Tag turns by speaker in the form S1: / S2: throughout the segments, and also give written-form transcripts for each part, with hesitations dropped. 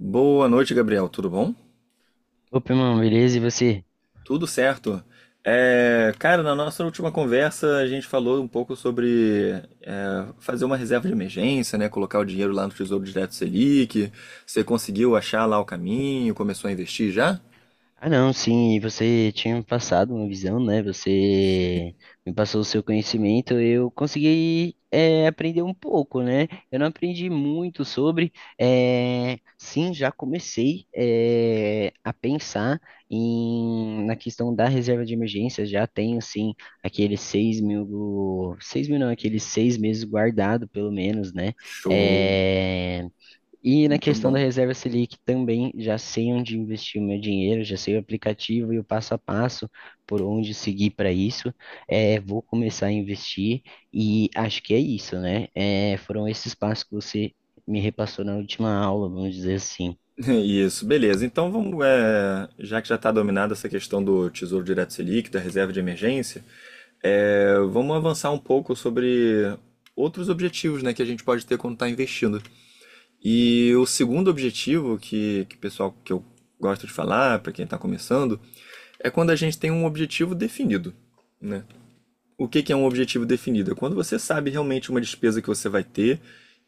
S1: Boa noite, Gabriel. Tudo bom?
S2: Opa, irmão, beleza? E você?
S1: Tudo certo. Cara, na nossa última conversa a gente falou um pouco sobre fazer uma reserva de emergência, né? Colocar o dinheiro lá no Tesouro Direto Selic. Você conseguiu achar lá o caminho? Começou a investir já?
S2: Ah, não, sim, e você tinha me passado uma visão, né? Você me passou o seu conhecimento, eu consegui aprender um pouco, né? Eu não aprendi muito sobre, sim, já comecei a pensar na questão da reserva de emergência, já tenho, sim, aqueles 6.000, 6.000 não, aqueles 6 meses guardado, pelo menos, né?
S1: Show.
S2: Eh, E na
S1: Muito
S2: questão da
S1: bom.
S2: reserva Selic também já sei onde investir o meu dinheiro, já sei o aplicativo e o passo a passo por onde seguir para isso. É, vou começar a investir e acho que é isso, né? É, foram esses passos que você me repassou na última aula, vamos dizer assim.
S1: Isso, beleza. Então vamos, já que já está dominada essa questão do Tesouro Direto Selic, da reserva de emergência, vamos avançar um pouco sobre outros objetivos, né, que a gente pode ter quando está investindo. E o segundo objetivo que pessoal que eu gosto de falar, para quem está começando, é quando a gente tem um objetivo definido, né? O que, que é um objetivo definido? É quando você sabe realmente uma despesa que você vai ter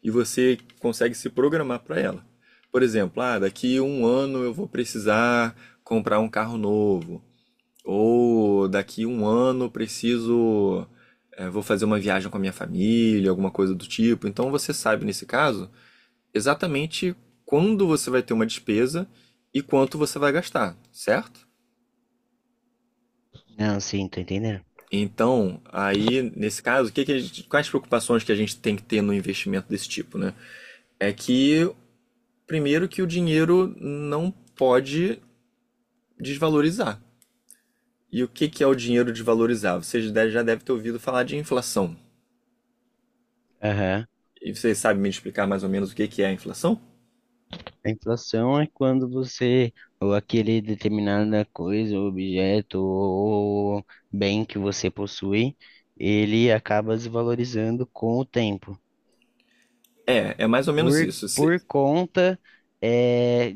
S1: e você consegue se programar para ela. Por exemplo, ah, daqui um ano eu vou precisar comprar um carro novo, ou daqui um ano eu preciso, vou fazer uma viagem com a minha família, alguma coisa do tipo. Então você sabe nesse caso exatamente quando você vai ter uma despesa e quanto você vai gastar, certo?
S2: Não, sim, tô entendendo.
S1: Então, aí, nesse caso, o que que a gente- quais preocupações que a gente tem que ter no investimento desse tipo, né? É que, primeiro, que o dinheiro não pode desvalorizar. E o que que é o dinheiro desvalorizar? Já devem ter ouvido falar de inflação.
S2: Aham.
S1: E vocês sabem me explicar mais ou menos o que que é a inflação?
S2: A inflação é quando você, ou aquele determinada coisa, ou objeto, ou bem que você possui, ele acaba desvalorizando com o tempo.
S1: É, é mais ou menos
S2: por,
S1: isso.
S2: por conta é,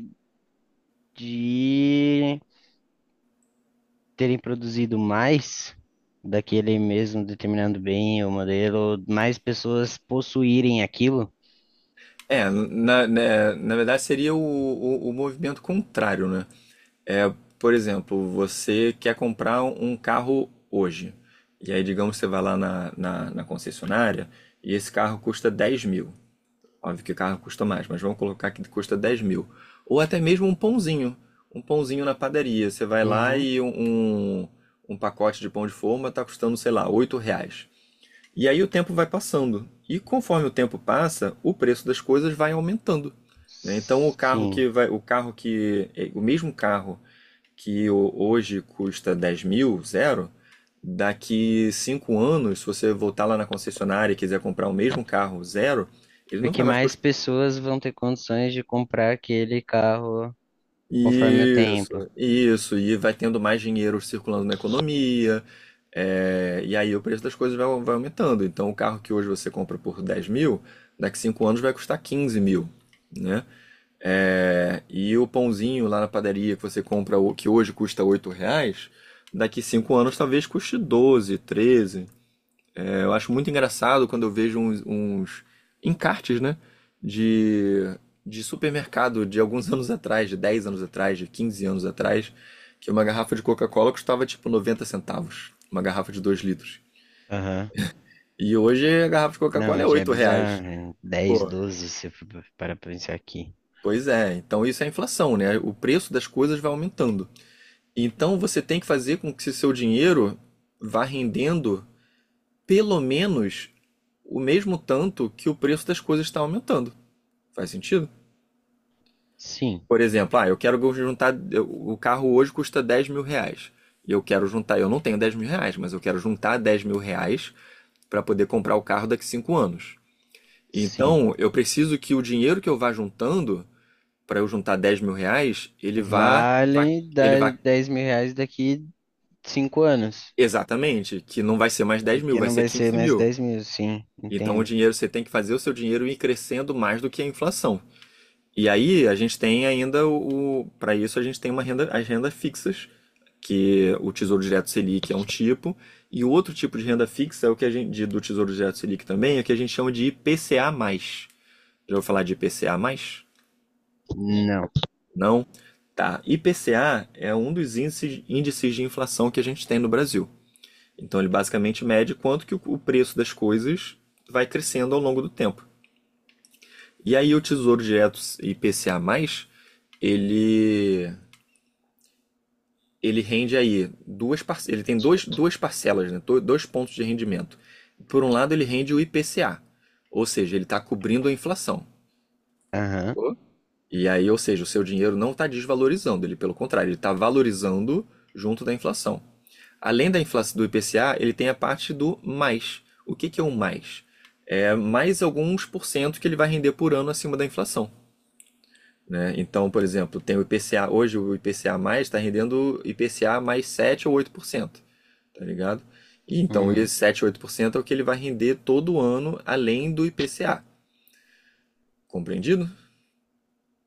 S2: de terem produzido mais daquele mesmo determinado bem ou modelo, mais pessoas possuírem aquilo.
S1: É, na verdade seria o movimento contrário, né? É, por exemplo, você quer comprar um carro hoje. E aí, digamos, você vai lá na concessionária e esse carro custa 10.000. Óbvio que o carro custa mais, mas vamos colocar que custa 10.000. Ou até mesmo um pãozinho. Um pãozinho na padaria. Você vai lá
S2: Uhum.
S1: e um, um pacote de pão de forma está custando, sei lá, R$ 8. E aí o tempo vai passando. E conforme o tempo passa, o preço das coisas vai aumentando. Né? Então o carro
S2: Sim,
S1: que vai, o carro que, é, o mesmo carro que hoje custa 10.000, zero, daqui 5 anos, se você voltar lá na concessionária e quiser comprar o mesmo carro, zero, ele não
S2: porque
S1: vai mais
S2: mais
S1: custar.
S2: pessoas vão ter condições de comprar aquele carro conforme o
S1: Isso,
S2: tempo.
S1: isso, e vai tendo mais dinheiro circulando na economia, e aí o preço das coisas vai aumentando. Então, o carro que hoje você compra por 10.000, daqui 5 anos vai custar 15.000, né? E o pãozinho lá na padaria que você compra, que hoje custa R$ 8, daqui 5 anos talvez custe 12, 13. Eu acho muito engraçado quando eu vejo uns encartes, né? De, de supermercado de alguns anos atrás, de 10 anos atrás, de 15 anos atrás, que uma garrafa de Coca-Cola custava tipo 90 centavos, uma garrafa de 2 litros.
S2: Aham.
S1: E hoje a garrafa de
S2: Não,
S1: Coca-Cola é
S2: mas já é
S1: R$ 8.
S2: bizarro. 10,
S1: Pô,
S2: 12, se for para pensar aqui.
S1: pois é, então isso é inflação, né? O preço das coisas vai aumentando. Então você tem que fazer com que seu dinheiro vá rendendo pelo menos o mesmo tanto que o preço das coisas está aumentando. Faz sentido?
S2: Sim,
S1: Por exemplo, ah, eu quero juntar. O carro hoje custa R$ 10.000. E eu quero juntar. Eu não tenho R$ 10.000, mas eu quero juntar R$ 10.000 para poder comprar o carro daqui 5 anos.
S2: sim.
S1: Então, eu preciso que o dinheiro que eu vá juntando, para eu juntar R$ 10.000, ele vá.
S2: Valem
S1: Ele vá.
S2: R$ 10.000 daqui 5 anos.
S1: Exatamente, que não vai ser mais 10.000,
S2: Porque
S1: vai
S2: não
S1: ser
S2: vai ser
S1: quinze
S2: mais
S1: mil.
S2: 10.000, sim,
S1: Então, o
S2: entenda.
S1: dinheiro, você tem que fazer o seu dinheiro ir crescendo mais do que a inflação. E aí, a gente tem ainda o. Para isso, a gente tem uma renda, as rendas fixas que o Tesouro Direto Selic é um tipo, e o outro tipo de renda fixa é o que a gente do Tesouro Direto Selic também, é o que a gente chama de IPCA+. Já ouviu falar de IPCA+?
S2: Não.
S1: Não? Tá. IPCA é um dos índices, índices de inflação que a gente tem no Brasil. Então ele basicamente mede quanto que o preço das coisas vai crescendo ao longo do tempo. E aí o Tesouro Direto IPCA+, ele ele rende aí duas par... ele tem duas parcelas, né? Dois pontos de rendimento. Por um lado, ele rende o IPCA, ou seja, ele está cobrindo a inflação.
S2: Aham.
S1: E aí, ou seja, o seu dinheiro não está desvalorizando, ele pelo contrário, ele está valorizando junto da inflação. Além da inflação do IPCA, ele tem a parte do mais. O que, que é o mais? É mais alguns por cento que ele vai render por ano acima da inflação. Né? Então, por exemplo, tem o IPCA, hoje o IPCA mais está rendendo IPCA mais 7 ou 8%, tá ligado? E então,
S2: Uhum.
S1: esse 7 ou 8% é o que ele vai render todo ano, além do IPCA. Compreendido?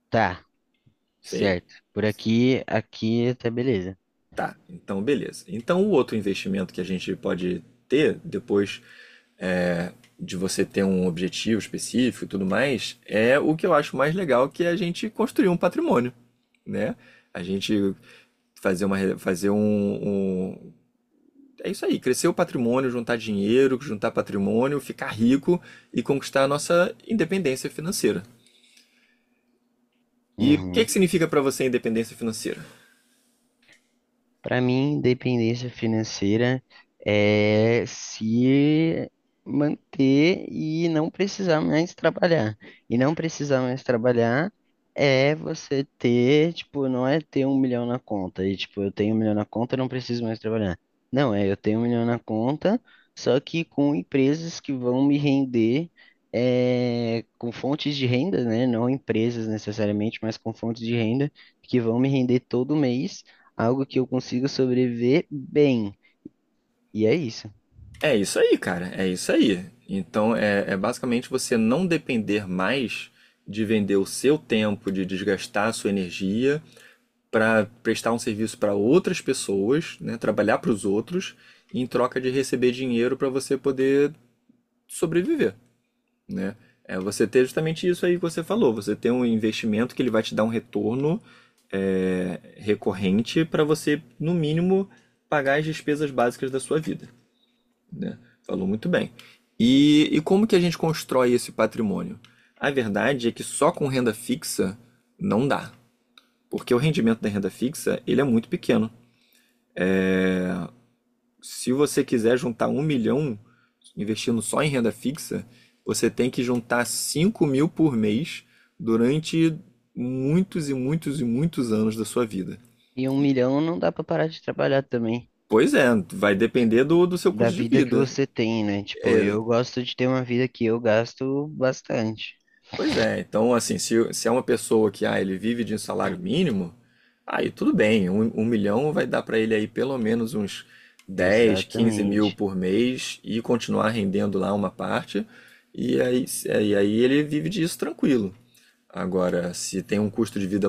S2: Tá,
S1: Feio.
S2: certo. Por aqui, aqui tá beleza.
S1: Tá, então beleza. Então, o outro investimento que a gente pode ter, depois de você ter um objetivo específico e tudo mais, é o que eu acho mais legal, que é a gente construir um patrimônio, né? A gente fazer uma, re- fazer um, um- É isso aí, crescer o patrimônio, juntar dinheiro, juntar patrimônio, ficar rico e conquistar a nossa independência financeira. E o que
S2: Uhum.
S1: que significa para você independência financeira?
S2: Para mim, independência financeira é se manter e não precisar mais trabalhar. E não precisar mais trabalhar é você ter, tipo, não é ter 1 milhão na conta. E, tipo, eu tenho 1 milhão na conta, eu não preciso mais trabalhar. Não, é eu tenho 1 milhão na conta, só que com empresas que vão me render. É, com fontes de renda, né? Não empresas necessariamente, mas com fontes de renda que vão me render todo mês algo que eu consiga sobreviver bem. E é isso.
S1: É isso aí, cara. É isso aí. Então, é basicamente você não depender mais de vender o seu tempo, de desgastar a sua energia para prestar um serviço para outras pessoas, né? Trabalhar para os outros em troca de receber dinheiro para você poder sobreviver. Né? É você ter justamente isso aí que você falou, você ter um investimento que ele vai te dar um retorno recorrente para você, no mínimo, pagar as despesas básicas da sua vida, né? Falou muito bem. E como que a gente constrói esse patrimônio? A verdade é que só com renda fixa não dá, porque o rendimento da renda fixa ele é muito pequeno. Se você quiser juntar 1 milhão investindo só em renda fixa, você tem que juntar 5.000 por mês durante muitos e muitos e muitos anos da sua vida.
S2: E 1 milhão não dá pra parar de trabalhar também,
S1: Pois é, vai depender do seu
S2: da
S1: custo de
S2: vida que
S1: vida.
S2: você tem, né? Tipo,
S1: É,
S2: eu gosto de ter uma vida que eu gasto bastante.
S1: Pois é, então assim, se é uma pessoa que ah, ele vive de um salário mínimo, aí tudo bem, 1 milhão vai dar para ele aí pelo menos uns dez quinze mil
S2: Exatamente.
S1: por mês e continuar rendendo lá uma parte, e aí, e aí ele vive disso tranquilo. Agora, se tem um custo de vida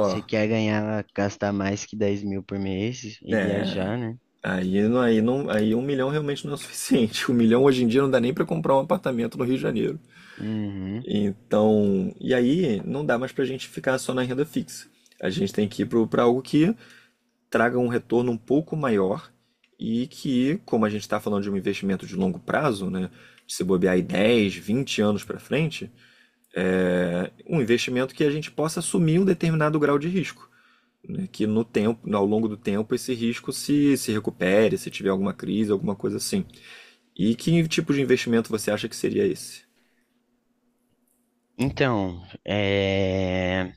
S2: Você quer ganhar, gastar mais que 10.000 por mês e
S1: né,
S2: viajar, né?
S1: aí um milhão realmente não é o suficiente. 1 milhão hoje em dia não dá nem para comprar um apartamento no Rio de Janeiro.
S2: Uhum.
S1: Então, e aí não dá mais para a gente ficar só na renda fixa. A gente tem que ir para algo que traga um retorno um pouco maior e que, como a gente está falando de um investimento de longo prazo, né, de se bobear aí 10, 20 anos para frente, é um investimento que a gente possa assumir um determinado grau de risco. Né, que no tempo, ao longo do tempo, esse risco se recupere, se tiver alguma crise, alguma coisa assim. E que tipo de investimento você acha que seria esse?
S2: Então, é...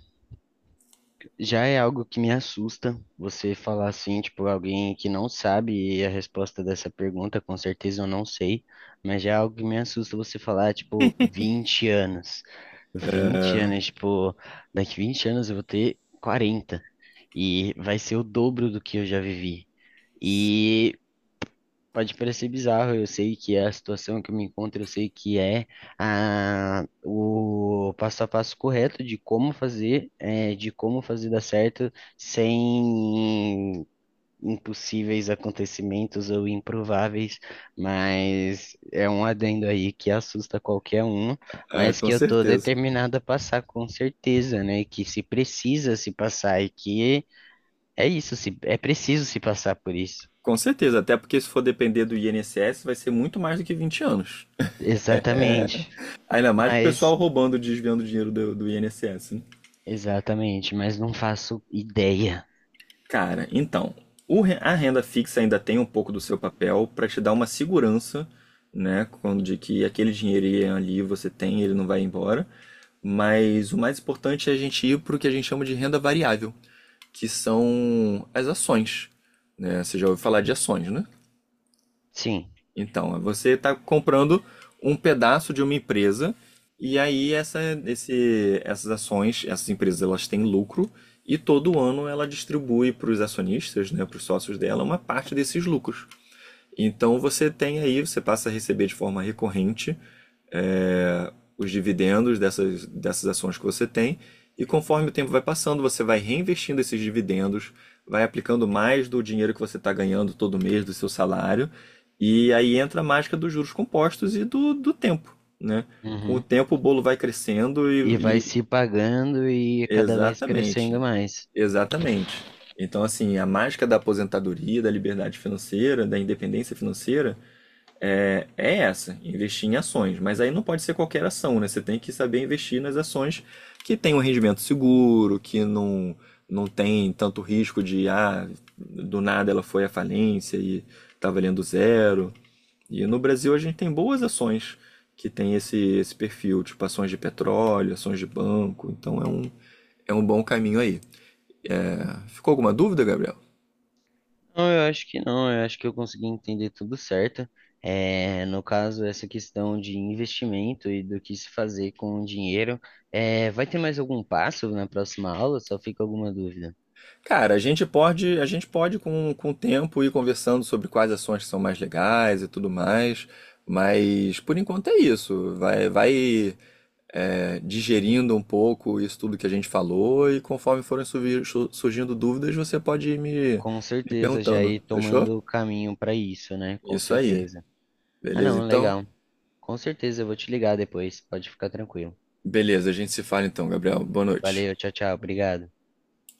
S2: Já é algo que me assusta você falar assim, tipo, alguém que não sabe a resposta dessa pergunta, com certeza eu não sei, mas já é algo que me assusta você falar, tipo, 20 anos. 20 anos, tipo, daqui 20 anos eu vou ter 40 e vai ser o dobro do que eu já vivi. E pode parecer bizarro, eu sei que é a situação que eu me encontro, eu sei que é a, o passo a passo correto de como fazer, de como fazer dar certo sem impossíveis acontecimentos ou improváveis, mas é um adendo aí que assusta qualquer um,
S1: Ah,
S2: mas que
S1: com
S2: eu tô
S1: certeza.
S2: determinado a passar com certeza, né? Que se precisa se passar e que é isso, se, é preciso se passar por isso.
S1: Com certeza, até porque se for depender do INSS, vai ser muito mais do que 20 anos.
S2: Exatamente.
S1: Ainda mais com o pessoal
S2: Mas
S1: roubando, desviando dinheiro do INSS. Né?
S2: exatamente, mas não faço ideia.
S1: Cara, então, a renda fixa ainda tem um pouco do seu papel para te dar uma segurança, né? Quando de que aquele dinheirinho ali você tem, ele não vai embora. Mas o mais importante é a gente ir para o que a gente chama de renda variável, que são as ações. Né? Você já ouviu falar de ações, né?
S2: Sim.
S1: Então, você está comprando um pedaço de uma empresa e aí essas ações, essas empresas, elas têm lucro e todo ano ela distribui para os acionistas, né, para os sócios dela, uma parte desses lucros. Então você tem aí, você passa a receber de forma recorrente é, os dividendos dessas ações que você tem, e conforme o tempo vai passando, você vai reinvestindo esses dividendos, vai aplicando mais do dinheiro que você está ganhando todo mês do seu salário, e aí entra a mágica dos juros compostos e do tempo, né? Com o
S2: Uhum.
S1: tempo o bolo vai crescendo.
S2: E vai se pagando e cada vez crescendo
S1: Exatamente,
S2: mais.
S1: exatamente. Então, assim, a mágica da aposentadoria, da liberdade financeira, da independência financeira, é essa, investir em ações. Mas aí não pode ser qualquer ação, né? Você tem que saber investir nas ações que tem um rendimento seguro, que não, não tem tanto risco de, ah, do nada ela foi à falência e tá valendo zero. E no Brasil a gente tem boas ações que tem esse, esse perfil, tipo ações de petróleo, ações de banco. Então é um bom caminho aí. Ficou alguma dúvida, Gabriel?
S2: Não, eu acho que não, eu acho que eu consegui entender tudo certo. É, no caso, essa questão de investimento e do que se fazer com o dinheiro. É, vai ter mais algum passo na próxima aula? Só fica alguma dúvida.
S1: Cara, a gente pode com o tempo ir conversando sobre quais ações que são mais legais e tudo mais, mas por enquanto é isso. Vai digerindo um pouco isso tudo que a gente falou e conforme forem surgindo dúvidas, você pode ir me,
S2: Com
S1: me
S2: certeza, já
S1: perguntando,
S2: ir
S1: fechou?
S2: tomando o caminho para isso, né? Com
S1: Isso aí.
S2: certeza. Ah,
S1: Beleza,
S2: não,
S1: então?
S2: legal. Com certeza, eu vou te ligar depois, pode ficar tranquilo.
S1: Beleza, a gente se fala então, Gabriel. Boa noite.
S2: Valeu, tchau, tchau, obrigado.